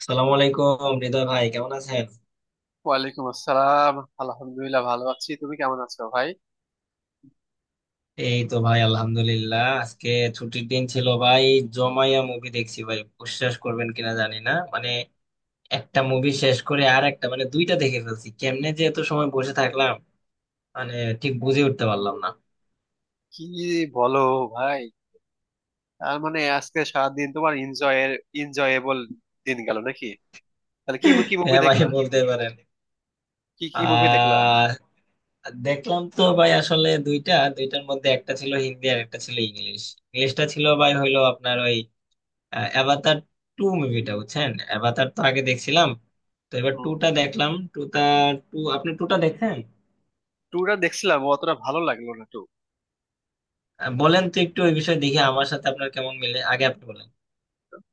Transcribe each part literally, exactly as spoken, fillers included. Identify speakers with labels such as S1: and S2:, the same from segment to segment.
S1: আসসালামু আলাইকুম, হৃদয় ভাই, কেমন আছেন?
S2: ওয়ালাইকুম আসসালাম। আলহামদুলিল্লাহ ভালো আছি, তুমি কেমন আছো ভাই?
S1: এই তো ভাই, আলহামদুলিল্লাহ। আজকে ছুটির দিন ছিল ভাই, জমাইয়া মুভি দেখছি ভাই। বিশ্বাস করবেন কিনা জানি না, মানে একটা মুভি শেষ করে আর একটা, মানে দুইটা দেখে ফেলছি। কেমনে যে এত সময় বসে থাকলাম, মানে ঠিক বুঝে উঠতে পারলাম না।
S2: কি বলো ভাই, তার মানে আজকে সারাদিন তোমার এনজয়ের এনজয়েবল দিন গেল নাকি? তাহলে কি কি মুভি
S1: হ্যাঁ ভাই,
S2: দেখলা?
S1: বলতে পারেন।
S2: কি কি মুভি দেখলা
S1: আহ দেখলাম তো ভাই, আসলে দুইটা। দুইটার মধ্যে একটা ছিল হিন্দি আর একটা ছিল ইংলিশ। ইংলিশটা ছিল ভাই, হইলো আপনার অ্যাভাতার টু মুভিটা, বুঝছেন? অ্যাভাতার তো আগে দেখছিলাম, তো এবার
S2: হম,
S1: টুটা দেখলাম। টুটা, টু, আপনি টুটা দেখেন?
S2: টুটা দেখছিলাম, অতটা ভালো লাগলো না টু।
S1: আহ, বলেন তো একটু ওই বিষয়ে, দেখি আমার সাথে আপনার কেমন মিলে। আগে আপনি বলেন।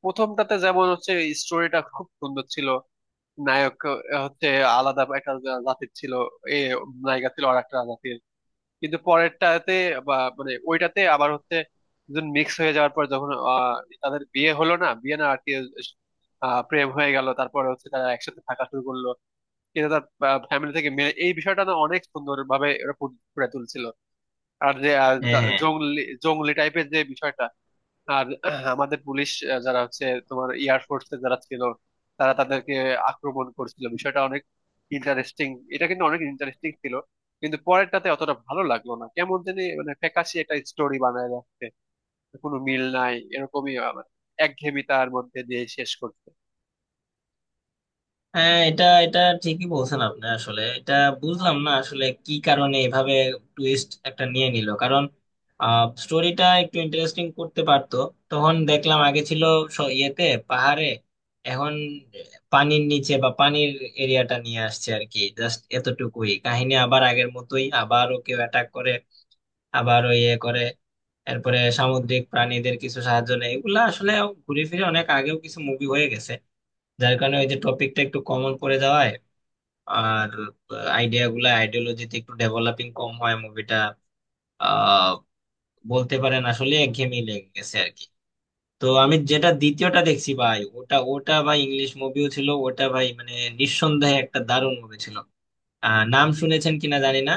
S2: প্রথমটাতে যেমন হচ্ছে, স্টোরিটা খুব সুন্দর ছিল। নায়ক আহ, হচ্ছে আলাদা একটা জাতির ছিল, এ, নায়িকা ছিল আর একটা জাতির। কিন্তু পরেরটাতে বা মানে ওইটাতে আবার হচ্ছে, দুজন মিক্স হয়ে যাওয়ার পর যখন আহ, তাদের বিয়ে হলো, না বিয়ে না আর কি, আহ, প্রেম হয়ে গেল, তারপরে হচ্ছে তারা একসাথে থাকা শুরু করলো। কিন্তু তার ফ্যামিলি থেকে মেনে এই বিষয়টা না, অনেক সুন্দর ভাবে ওরা ফুটে তুলছিল। আর যে আহ,
S1: হ্যাঁ
S2: জংলি জংলি টাইপের যে বিষয়টা, আর আমাদের পুলিশ আহ, যারা হচ্ছে তোমার এয়ারফোর্স এ যারা ছিল, তারা তাদেরকে আক্রমণ করছিল, বিষয়টা অনেক ইন্টারেস্টিং। এটা কিন্তু অনেক ইন্টারেস্টিং ছিল। কিন্তু পরেরটাতে অতটা ভালো লাগলো না, কেমন জানি মানে ফ্যাকাশে একটা স্টোরি বানায় রাখছে, কোনো মিল নাই, এরকমই আবার একঘেয়েমিতার মধ্যে দিয়ে শেষ করছে।
S1: হ্যাঁ, এটা এটা ঠিকই বলছেন আপনি। আসলে এটা বুঝলাম না আসলে কি কারণে এভাবে টুইস্ট একটা নিয়ে নিল। কারণ স্টোরিটা একটু ইন্টারেস্টিং করতে পারতো। তখন দেখলাম আগে ছিল স- ইয়েতে, পাহাড়ে, এখন পানির নিচে বা পানির এরিয়াটা নিয়ে আসছে আর কি। জাস্ট এতটুকুই কাহিনী, আবার আগের মতোই আবারও কেউ অ্যাটাক করে, আবারও ইয়ে করে, এরপরে সামুদ্রিক প্রাণীদের কিছু সাহায্য নেয়। এগুলা আসলে ঘুরে ফিরে অনেক আগেও কিছু মুভি হয়ে গেছে, যার কারণে ওই যে টপিকটা একটু কমন পড়ে যাওয়ায়, আর আইডিয়া গুলা আইডিওলজিতে একটু ডেভেলপিং কম হয় মুভিটা। আহ বলতে পারেন আসলে একঘেয়েমি লেগে গেছে আর কি। তো আমি যেটা দ্বিতীয়টা দেখছি ভাই, ওটা ওটা ভাই ইংলিশ মুভিও ছিল। ওটা ভাই মানে নিঃসন্দেহে একটা দারুণ মুভি ছিল। আহ, নাম
S2: কি-
S1: শুনেছেন কিনা জানি না।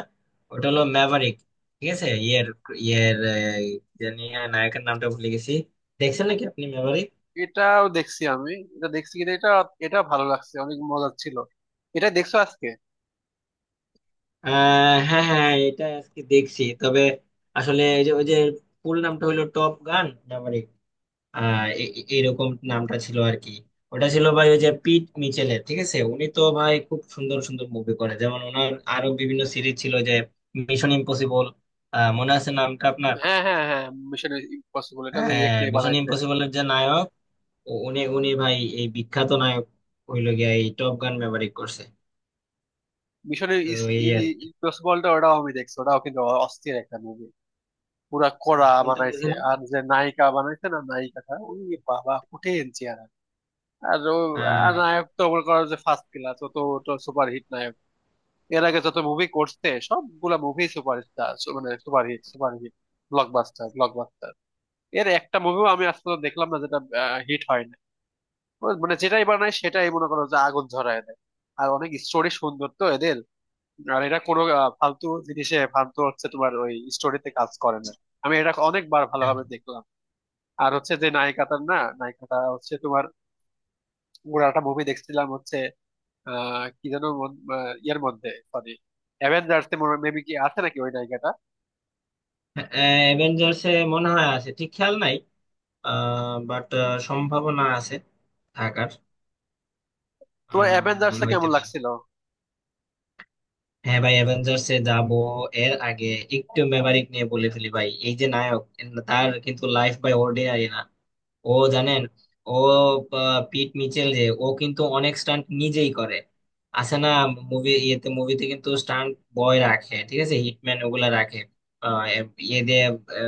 S1: ওটা হলো ম্যাভারিক। ঠিক আছে, ইয়ের ইয়ের আহ, জানি না, নায়কের নামটা ভুলে গেছি। দেখছেন নাকি আপনি ম্যাভারিক?
S2: এটাও দেখছি আমি, এটা দেখছি, কিন্তু এটা এটা ভালো লাগছে, অনেক মজার ছিল। এটা দেখছো আজকে?
S1: আহ হ্যাঁ হ্যাঁ, এটা আজকে দেখছি। তবে আসলে এই যে ওই যে ফুল নামটা হলো টপ গান ম্যাভারিক। আহ এ- এ- এরকম নামটা ছিল আর কি। ওটা ছিল ভাই ওই যে পিট মিচেলের, ঠিক আছে? উনি তো ভাই খুব সুন্দর সুন্দর মুভি করে। যেমন ওনার আরো বিভিন্ন সিরিজ ছিল যে মিশন ইম্পসিবল, মনে আছে নামটা আপনার?
S2: হ্যাঁ হ্যাঁ হ্যাঁ, মিশন ইম্পসিবল, এটা যে এক
S1: হ্যাঁ,
S2: নিয়ে
S1: মিশন
S2: বানাইছে।
S1: ইম্পসিবলের যে নায়ক, উ- উনি উনি ভাই এই বিখ্যাত নায়ক হইলো গিয়া, এই টপ গান ব্যবহার করছে।
S2: মিশনের
S1: তো এই আর কি।
S2: ইম্পসিবলটা, ওটাও আমি দেখছি ওটাও কিন্তু অস্থির একটা মুভি, পুরা
S1: আহ,
S2: কড়া
S1: কোনটা বুঝি
S2: বানাইছে।
S1: না।
S2: আর যে নায়িকা বানাইছে না, নায়িকাটা ওই, বাবা কঠিন চেহারা। আর ও, আর
S1: আহ,
S2: নায়ক তো মনে করো যে ফার্স্ট ক্লাস, ও তো সুপার হিট নায়ক। এর আগে যত মুভি করছে সবগুলা মুভি সুপার, মানে super hit, super hit, blockbuster, blockbuster. এর একটা মুভিও আমি আজ পর্যন্ত দেখলাম না যেটা হিট হয় না। ও মানে যেটাই বানায় সেটাই মনে করো যে আগুন ঝরায় দেয়। আর অনেক স্টোরি সুন্দর তো এদের। আর এটা কোনো আহ, ফালতু জিনিসে, ফালতু হচ্ছে তোমার ওই স্টোরিতে কাজ করে না। আমি এটা অনেকবার ভালোভাবে দেখলাম। আর হচ্ছে যে নায়িকাটার না, নায়িকাটা হচ্ছে তোমার, পুরো একটা মুভি দেখছিলাম হচ্ছে, আহ কি যেন মন- আহ, ইয়ের মধ্যে, সরি, অ্যাভেঞ্জার্স এ মেবি কি আছে নাকি ওই নায়িকাটা।
S1: অ্যাভেঞ্জার্স এ মনে হয় আছে, ঠিক খেয়াল নাই। বাট সম্ভাবনা আছে থাকার।
S2: তোমার অ্যাভেঞ্জার্স
S1: আহ,
S2: এ
S1: হইতে
S2: কেমন
S1: পারে।
S2: লাগছিল?
S1: হ্যাঁ ভাই, অ্যাভেঞ্জার্স এ যাবো, এর আগে একটু মেমারিক নিয়ে বলে ফেলি ভাই। এই যে নায়ক, তার কিন্তু লাইফ বাই অর্ডিনারি না। ও জানেন, ও আহ, পিট মিচেল, যে ও কিন্তু অনেক স্টান্ট নিজেই করে, আছে না? মুভি ইয়েতে, মুভিতে কিন্তু স্টান্ট বয় রাখে, ঠিক আছে, হিটম্যান ওগুলা রাখে। আহ, এ- ইয়ে দিয়ে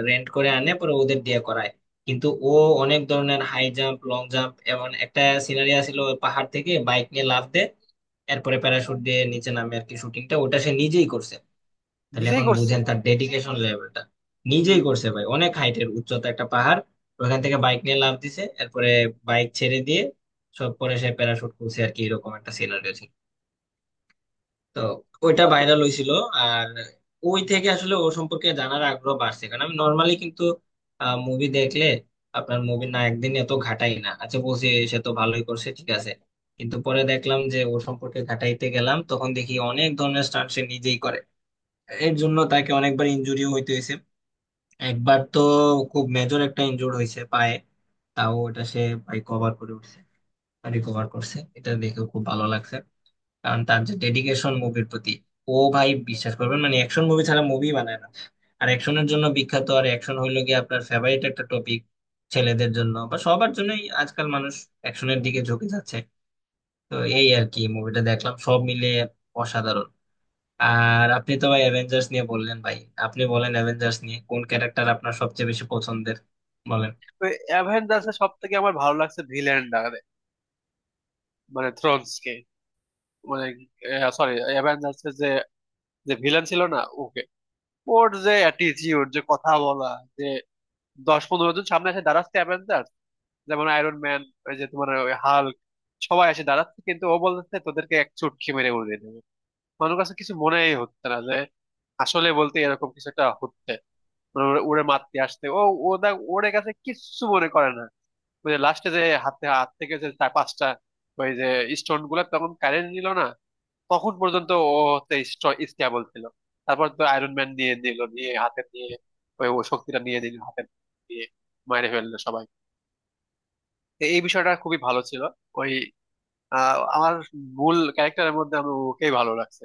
S1: রেন্ট করে আনে, পরে ওদের দিয়ে করায়। কিন্তু ও অনেক ধরনের হাই জাম্প, লং জাম্প, এমন একটা সিনারি ছিল পাহাড় থেকে বাইক নিয়ে লাফ দেয়, এরপরে প্যারাশুট দিয়ে নিচে নামে আর কি। শুটিংটা ওটা সে নিজেই করছে। তাহলে
S2: নিজেই
S1: এখন
S2: করছে?
S1: বুঝেন তার ডেডিকেশন লেভেলটা।
S2: উম,
S1: নিজেই করছে ভাই, অনেক হাইটের উচ্চতা একটা পাহাড়, ওখান থেকে বাইক নিয়ে লাফ দিছে, এরপরে বাইক ছেড়ে দিয়ে সব পরে সে প্যারাশুট খুলছে আর কি। এরকম একটা সিনারিও, তো ওইটা
S2: তা তো।
S1: ভাইরাল হয়েছিল। আর ওই থেকে আসলে ও সম্পর্কে জানার আগ্রহ বাড়ছে। কারণ আমি নর্মালি কিন্তু মুভি দেখলে, আপনার মুভি না একদিন এত ঘাটাই না, আচ্ছা বলছি সে তো ভালোই করছে, ঠিক আছে। কিন্তু পরে দেখলাম যে ও সম্পর্কে ঘাটাইতে গেলাম, তখন দেখি অনেক ধরনের স্টান্ট সে নিজেই করে। এর জন্য তাকে অনেকবার ইনজুরিও হইতে হয়েছে। একবার তো খুব মেজর একটা ইনজুর হয়েছে পায়ে, তাও ওটা সে ভাই কভার করে উঠছে, রিকভার করছে। এটা দেখে খুব ভালো লাগছে, কারণ তার যে ডেডিকেশন মুভির প্রতি। ও ভাই বিশ্বাস করবেন, মানে অ্যাকশন মুভি ছাড়া মুভি বানায় না, আর অ্যাকশনের জন্য বিখ্যাত। আর অ্যাকশন হইলো গিয়ে আপনার ফেভারিট একটা টপিক ছেলেদের জন্য বা সবার জন্যই। আজকাল মানুষ অ্যাকশনের দিকে ঝুঁকে যাচ্ছে। তো এই আর কি, মুভিটা দেখলাম সব মিলে অসাধারণ। আর আপনি তো ভাই অ্যাভেঞ্জার্স নিয়ে বললেন ভাই, আপনি বলেন অ্যাভেঞ্জার্স নিয়ে কোন ক্যারেক্টার আপনার সবচেয়ে বেশি পছন্দের, বলেন।
S2: অ্যাভেঞ্জার্স এ সব থেকে আমার ভালো লাগছে ভিলেনটা, মানে থ্রোনস কে, মানে সরি, অ্যাভেঞ্জার্স এর যে, যে ভিলেন ছিল না, ওর যে অ্যাটিটিউড, যে কথা বলা, যে দশ পনেরো জন সামনে এসে দাঁড়াচ্ছে অ্যাভেঞ্জার, যেমন আয়রন ম্যান, ওই যে তোমার ওই হাল্ক, সবাই এসে দাঁড়াচ্ছে কিন্তু ও বলতেছে তোদেরকে এক চুটকি মেরে উড়িয়ে দেবে। মানুষ কাছে কিছু মনেই হচ্ছে না যে, আসলে বলতে এরকম কিছু একটা হচ্ছে, মানে ওরে ওরে মারতে আসতে ও ওদের ওরে কাছে কিচ্ছু মনে করে না। ওই যে লাস্টে যে হাতে, হাত থেকে যে চার পাঁচটা ওই যে স্টোন গুলা তখন কারেন্ট নিল না, তখন পর্যন্ত ও হচ্ছে স্টেবল ছিল। তারপর তো আয়রন ম্যান নিয়ে দিল, নিয়ে হাতে নিয়ে, ওই ও শক্তিটা নিয়ে দিল হাতে নিয়ে, মেরে ফেললো সবাই। তো এই বিষয়টা খুবই ভালো ছিল। ওই, আহ, আমার মূল ক্যারেক্টারের মধ্যে আমি ওকেই ভালো লাগছে।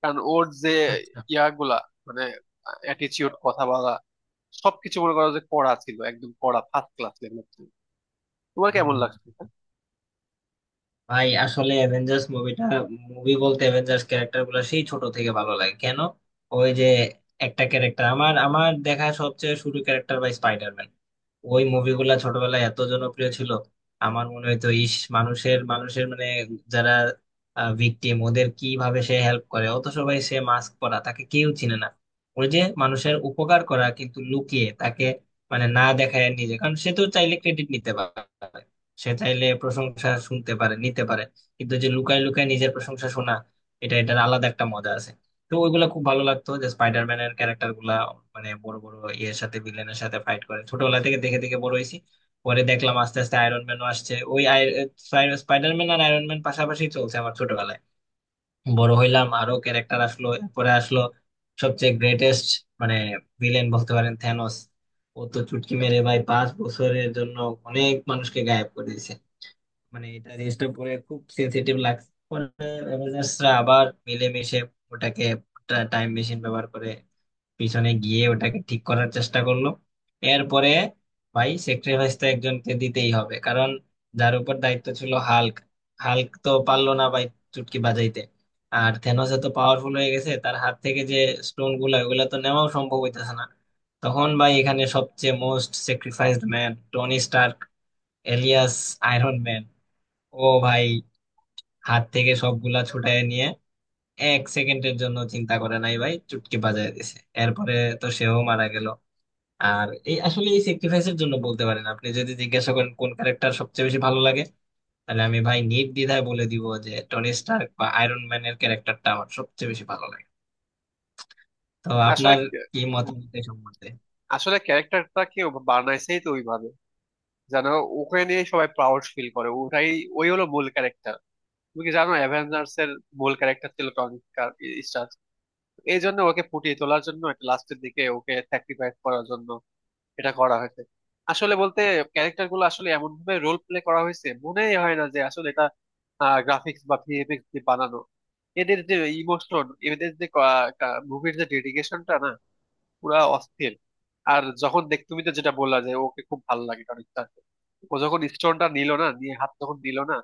S2: কারণ ওর যে
S1: আচ্ছা
S2: ইয়াগুলা, মানে অ্যাটিচিউড, কথা বলা, সবকিছু মনে করো যে কড়া ছিল, একদম কড়া, ফার্স্ট ক্লাস লেভেল। তোমার কেমন লাগছে এটা?
S1: ভাই, আসলে অ্যাভেঞ্জার্স মুভিটা, মুভি বলতে অ্যাভেঞ্জার্স ক্যারেক্টার গুলো সেই ছোট থেকে ভালো লাগে কেন? ওই যে একটা ক্যারেক্টার, আমার আমার দেখা সবচেয়ে শুরু ক্যারেক্টার ভাই স্পাইডারম্যান। ওই মুভিগুলা ছোটবেলায় এত জনপ্রিয় ছিল, আমার মনে হইতো, ইস, মানুষের মানুষের মানে যারা ভিকটিম ওদের কিভাবে সে হেল্প করে, অত সবাই, সে মাস্ক পরা, তাকে কেউ চিনে না। ওই যে মানুষের উপকার করা কিন্তু লুকিয়ে, তাকে মানে না দেখায় নিজে। কারণ সে তো চাইলে ক্রেডিট নিতে পারে, সে চাইলে প্রশংসা শুনতে পারে, নিতে পারে, কিন্তু যে লুকায় লুকায় নিজের প্রশংসা শোনা, এটা এটার আলাদা একটা মজা আছে। তো ওইগুলা খুব ভালো লাগতো, যে স্পাইডারম্যানের ক্যারেক্টার গুলা মানে বড় বড় ইয়ের সাথে, ভিলেনের সাথে ফাইট করে, ছোটবেলা থেকে দেখে দেখে বড় হয়েছি। পরে দেখলাম আস্তে আস্তে আয়রন ম্যানও আসছে। ওই স্পাইডারম্যান আর আয়রন ম্যান পাশাপাশি চলছে আমার ছোটবেলায়। বড় হইলাম, আরো ক্যারেক্টার আসলো, পরে আসলো সবচেয়ে গ্রেটেস্ট মানে ভিলেন বলতে পারেন, থ্যানোস। ও তো চুটকি মেরে ভাই পাঁচ বছরের জন্য অনেক মানুষকে গায়েব করে দিয়েছে। মানে এটা জিনিসটা পরে খুব সেন্সিটিভ লাগছে। পরে অ্যাভেঞ্জার্সরা আবার মিলেমিশে ওটাকে টাইম মেশিন ব্যবহার করে পিছনে গিয়ে ওটাকে ঠিক করার চেষ্টা করলো। এরপরে ভাই, স্যাক্রিফাইস তো একজনকে দিতেই হবে। কারণ যার উপর দায়িত্ব ছিল হাল্ক, হাল্ক তো পারলো না ভাই চুটকি বাজাইতে। আর থেনোস তো পাওয়ারফুল হয়ে গেছে, তার হাত থেকে যে স্টোন গুলা ওগুলা তো নেওয়াও সম্ভব হইতেছে না। তখন ভাই এখানে সবচেয়ে most sacrificed man Tony Stark
S2: হুম।
S1: Alias Iron Man. ও ভাই হাত থেকে সবগুলা ছুটায় নিয়ে এক সেকেন্ডের জন্য চিন্তা করে নাই ভাই, চুটকি বাজায় দিছে। এরপরে তো সেও মারা গেল। আর এই আসলে এই স্যাক্রিফাইসের জন্য বলতে পারেন, আপনি যদি জিজ্ঞাসা করেন কোন ক্যারেক্টার সবচেয়ে বেশি ভালো লাগে, তাহলে আমি ভাই নির্দ্বিধায় বলে দিব যে টনি স্টার্ক বা আয়রন ম্যানের ক্যারেক্টারটা আমার সবচেয়ে বেশি ভালো লাগে। তো
S2: আসলে
S1: আপনার
S2: কি-
S1: কি
S2: হুম,
S1: মতামত এই সম্বন্ধে?
S2: আসলে ক্যারেক্টারটাকে বানাইছেই তো ওইভাবে, যেন ওকে নিয়ে সবাই প্রাউড ফিল করে, ওটাই, ওই হলো মূল ক্যারেক্টার। তুমি কি জানো অ্যাভেঞ্জার্স এর মূল ক্যারেক্টার ছিল টনি স্টার্ক। এই জন্য ওকে ফুটিয়ে তোলার জন্য, এটা লাস্টের দিকে ওকে স্যাক্রিফাইস করার জন্য এটা করা হয়েছে। আসলে বলতে ক্যারেক্টার গুলো আসলে এমন ভাবে রোল প্লে করা হয়েছে, মনেই হয় না যে আসলে এটা গ্রাফিক্স বা ভিএফএক্স দিয়ে বানানো। এদের যে ইমোশন, এদের যে মুভির যে ডেডিকেশনটা না, পুরা অস্থির। আর যখন দেখ, তুমি তো যেটা বললা যে ওকে খুব ভালো লাগে কারণ তার- ও যখন স্টোনটা নিল, না নিয়ে হাত যখন দিল না,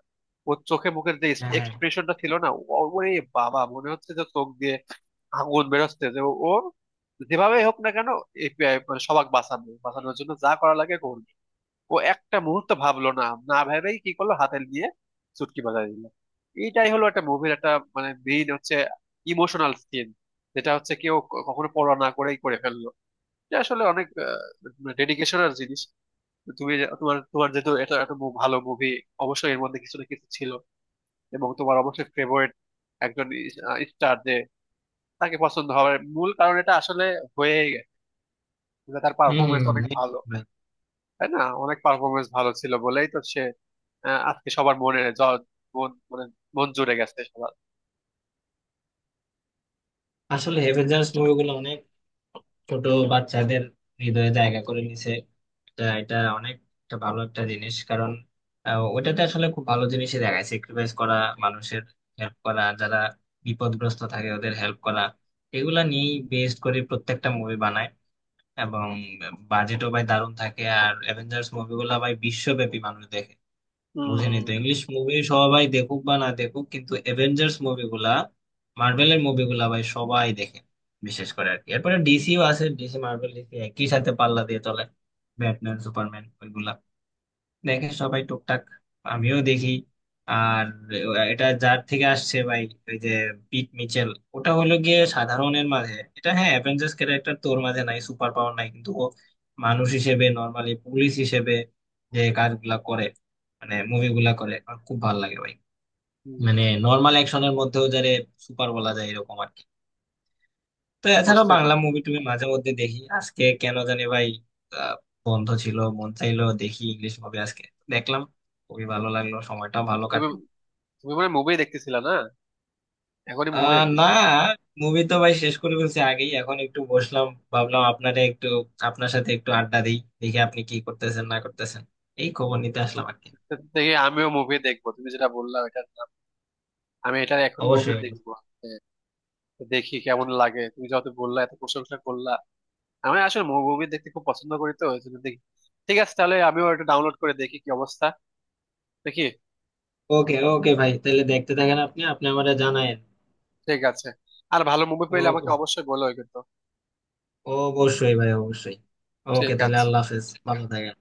S2: ওর চোখে মুখের যে
S1: হ্যাঁ,
S2: এক্সপ্রেশনটা ছিল না, ও- ওরে বাবা, মনে হচ্ছে যে চোখ দিয়ে আগুন বেরোচ্ছে, যে ও ও যেভাবে হোক না কেন এই পে- মানে সবাক বাঁচানো, বাঁচানোর জন্য যা করা লাগে করবে। ও একটা মুহূর্ত ভাবলো না, না ভেবেই কি করলো, হাতে নিয়ে চুটকি বাজায় দিল। এইটাই হলো একটা মুভির একটা মানে মেইন হচ্ছে ইমোশনাল সিন, যেটা হচ্ছে কেউ কখনো পড়া না করেই করে ফেললো, যে আসলে অনেক ডেডিকেশন আর জিনিস। তো তুমি যে- তোমার তোমার যেহেতু এটা এত মু- ভালো মুভি, অবশ্যই এর মধ্যে কিছু না কিছু ছিল, এবং তোমার অবশ্যই ফেভারিট একজন স্টার যে, তাকে পছন্দ হওয়ার মূল কারণ এটা আসলে হয়ে গেছে, তার
S1: হম হম
S2: পারফরমেন্স
S1: হম,
S2: অনেক ভালো।
S1: একদম ভাই।
S2: তাই না, অনেক পারফরমেন্স ভালো ছিল বলেই তো সে আহ, আজকে সবার মনে জ- মন মানে মন জুড়ে গেছে সবার।
S1: আসলে অ্যাভেঞ্জার্স মুভিগুলো অনেক ছোট বাচ্চাদের হৃদয়ে জায়গা করে নিছে। তা এটা অনেক একটা ভালো একটা জিনিস, কারণ আহ, ওইটাতে আসলে খুব ভালো জিনিসই দেখায়, স্যাক্রিফাইস করা, মানুষের হেল্প করা, যারা বিপদগ্রস্ত থাকে ওদের হেল্প করা। এগুলা নিয়েই বেস্ট করে প্রত্যেকটা মুভি বানায়, এবং বাজেটও ভাই দারুণ থাকে। আর অ্যাভেঞ্জার্স মুভিগুলা ভাই বিশ্বব্যাপী মানুষ দেখে। বুঝিনি
S2: হম,
S1: তো, ইংলিশ মুভি সবাই দেখুক বা না দেখুক, কিন্তু অ্যাভেঞ্জার্স মুভিগুলা, মার্ভেলের মুভিগুলা ভাই সবাই দেখে, বিশেষ করে আর কি। এরপরে ডিসিও আছে, ডিসি মার্ভেল, ডিসি একই সাথে পাল্লা দিয়ে চলে। ব্যাটম্যান, সুপারম্যান, ওইগুলা দেখে সবাই টুকটাক, আমিও দেখি। আর এটা যার থেকে আসছে ভাই, ওই যে পিট মিচেল, ওটা হলো গিয়ে সাধারণের মাঝে। এটা হ্যাঁ, অ্যাভেঞ্জার্স ক্যারেক্টার তোর মাঝে নাই, সুপার পাওয়ার নাই, কিন্তু ও মানুষ হিসেবে, নর্মালি পুলিশ হিসেবে যে কাজগুলা করে, মানে মুভিগুলা করে, আমার খুব ভালো লাগে ভাই। মানে নর্মাল অ্যাকশনের মধ্যেও যারে সুপার বলা যায়, এরকম আর কি। তো এছাড়াও
S2: বুঝতে
S1: বাংলা
S2: পারি।
S1: মুভি টুভি মাঝে মধ্যে দেখি। আজকে কেন জানি ভাই আহ, বন্ধ ছিল, মন চাইলো দেখি ইংলিশ মুভি আজকে। দেখলাম, খুবই ভালো লাগলো, সময়টা
S2: তো
S1: ভালো
S2: তুমি
S1: কাটলো।
S2: তুমি মানে মুভি দেখতেছিলা না, এখনই মুভি
S1: আহ, না,
S2: দেখতেছিলা?
S1: মুভি তো ভাই শেষ করে ফেলছি আগেই, এখন একটু বসলাম, ভাবলাম আপনারে একটু, আপনার সাথে একটু আড্ডা দিই, দেখি আপনি কি করতেছেন না করতেছেন, এই খবর নিতে আসলাম আর কি।
S2: তো দেখি আমিও মুভি দেখবো, তুমি যেটা বললা ওইটা আমি এটা এখন মুভি
S1: অবশ্যই।
S2: দেখবো। হ্যাঁ, তো দেখি কেমন লাগে, তুমি যত বললা, এত প্রশংসা করলা, আমি আসলে মুভি দেখতে খুব পছন্দ করি, তো ওই জন্য দেখি। ঠিক আছে, তাহলে আমিও এটা ডাউনলোড করে দেখি কি অবস্থা, দেখি।
S1: ওকে ওকে ভাই, তাহলে দেখতে থাকেন আপনি, আপনি আমারে জানায়েন।
S2: ঠিক আছে, আর ভালো মুভি পেলে আমাকে
S1: ওকে,
S2: অবশ্যই বলো কিন্তু।
S1: অবশ্যই ভাই, অবশ্যই। ওকে,
S2: ঠিক
S1: তাহলে
S2: আছে।
S1: আল্লাহ হাফেজ, ভালো থাকেন।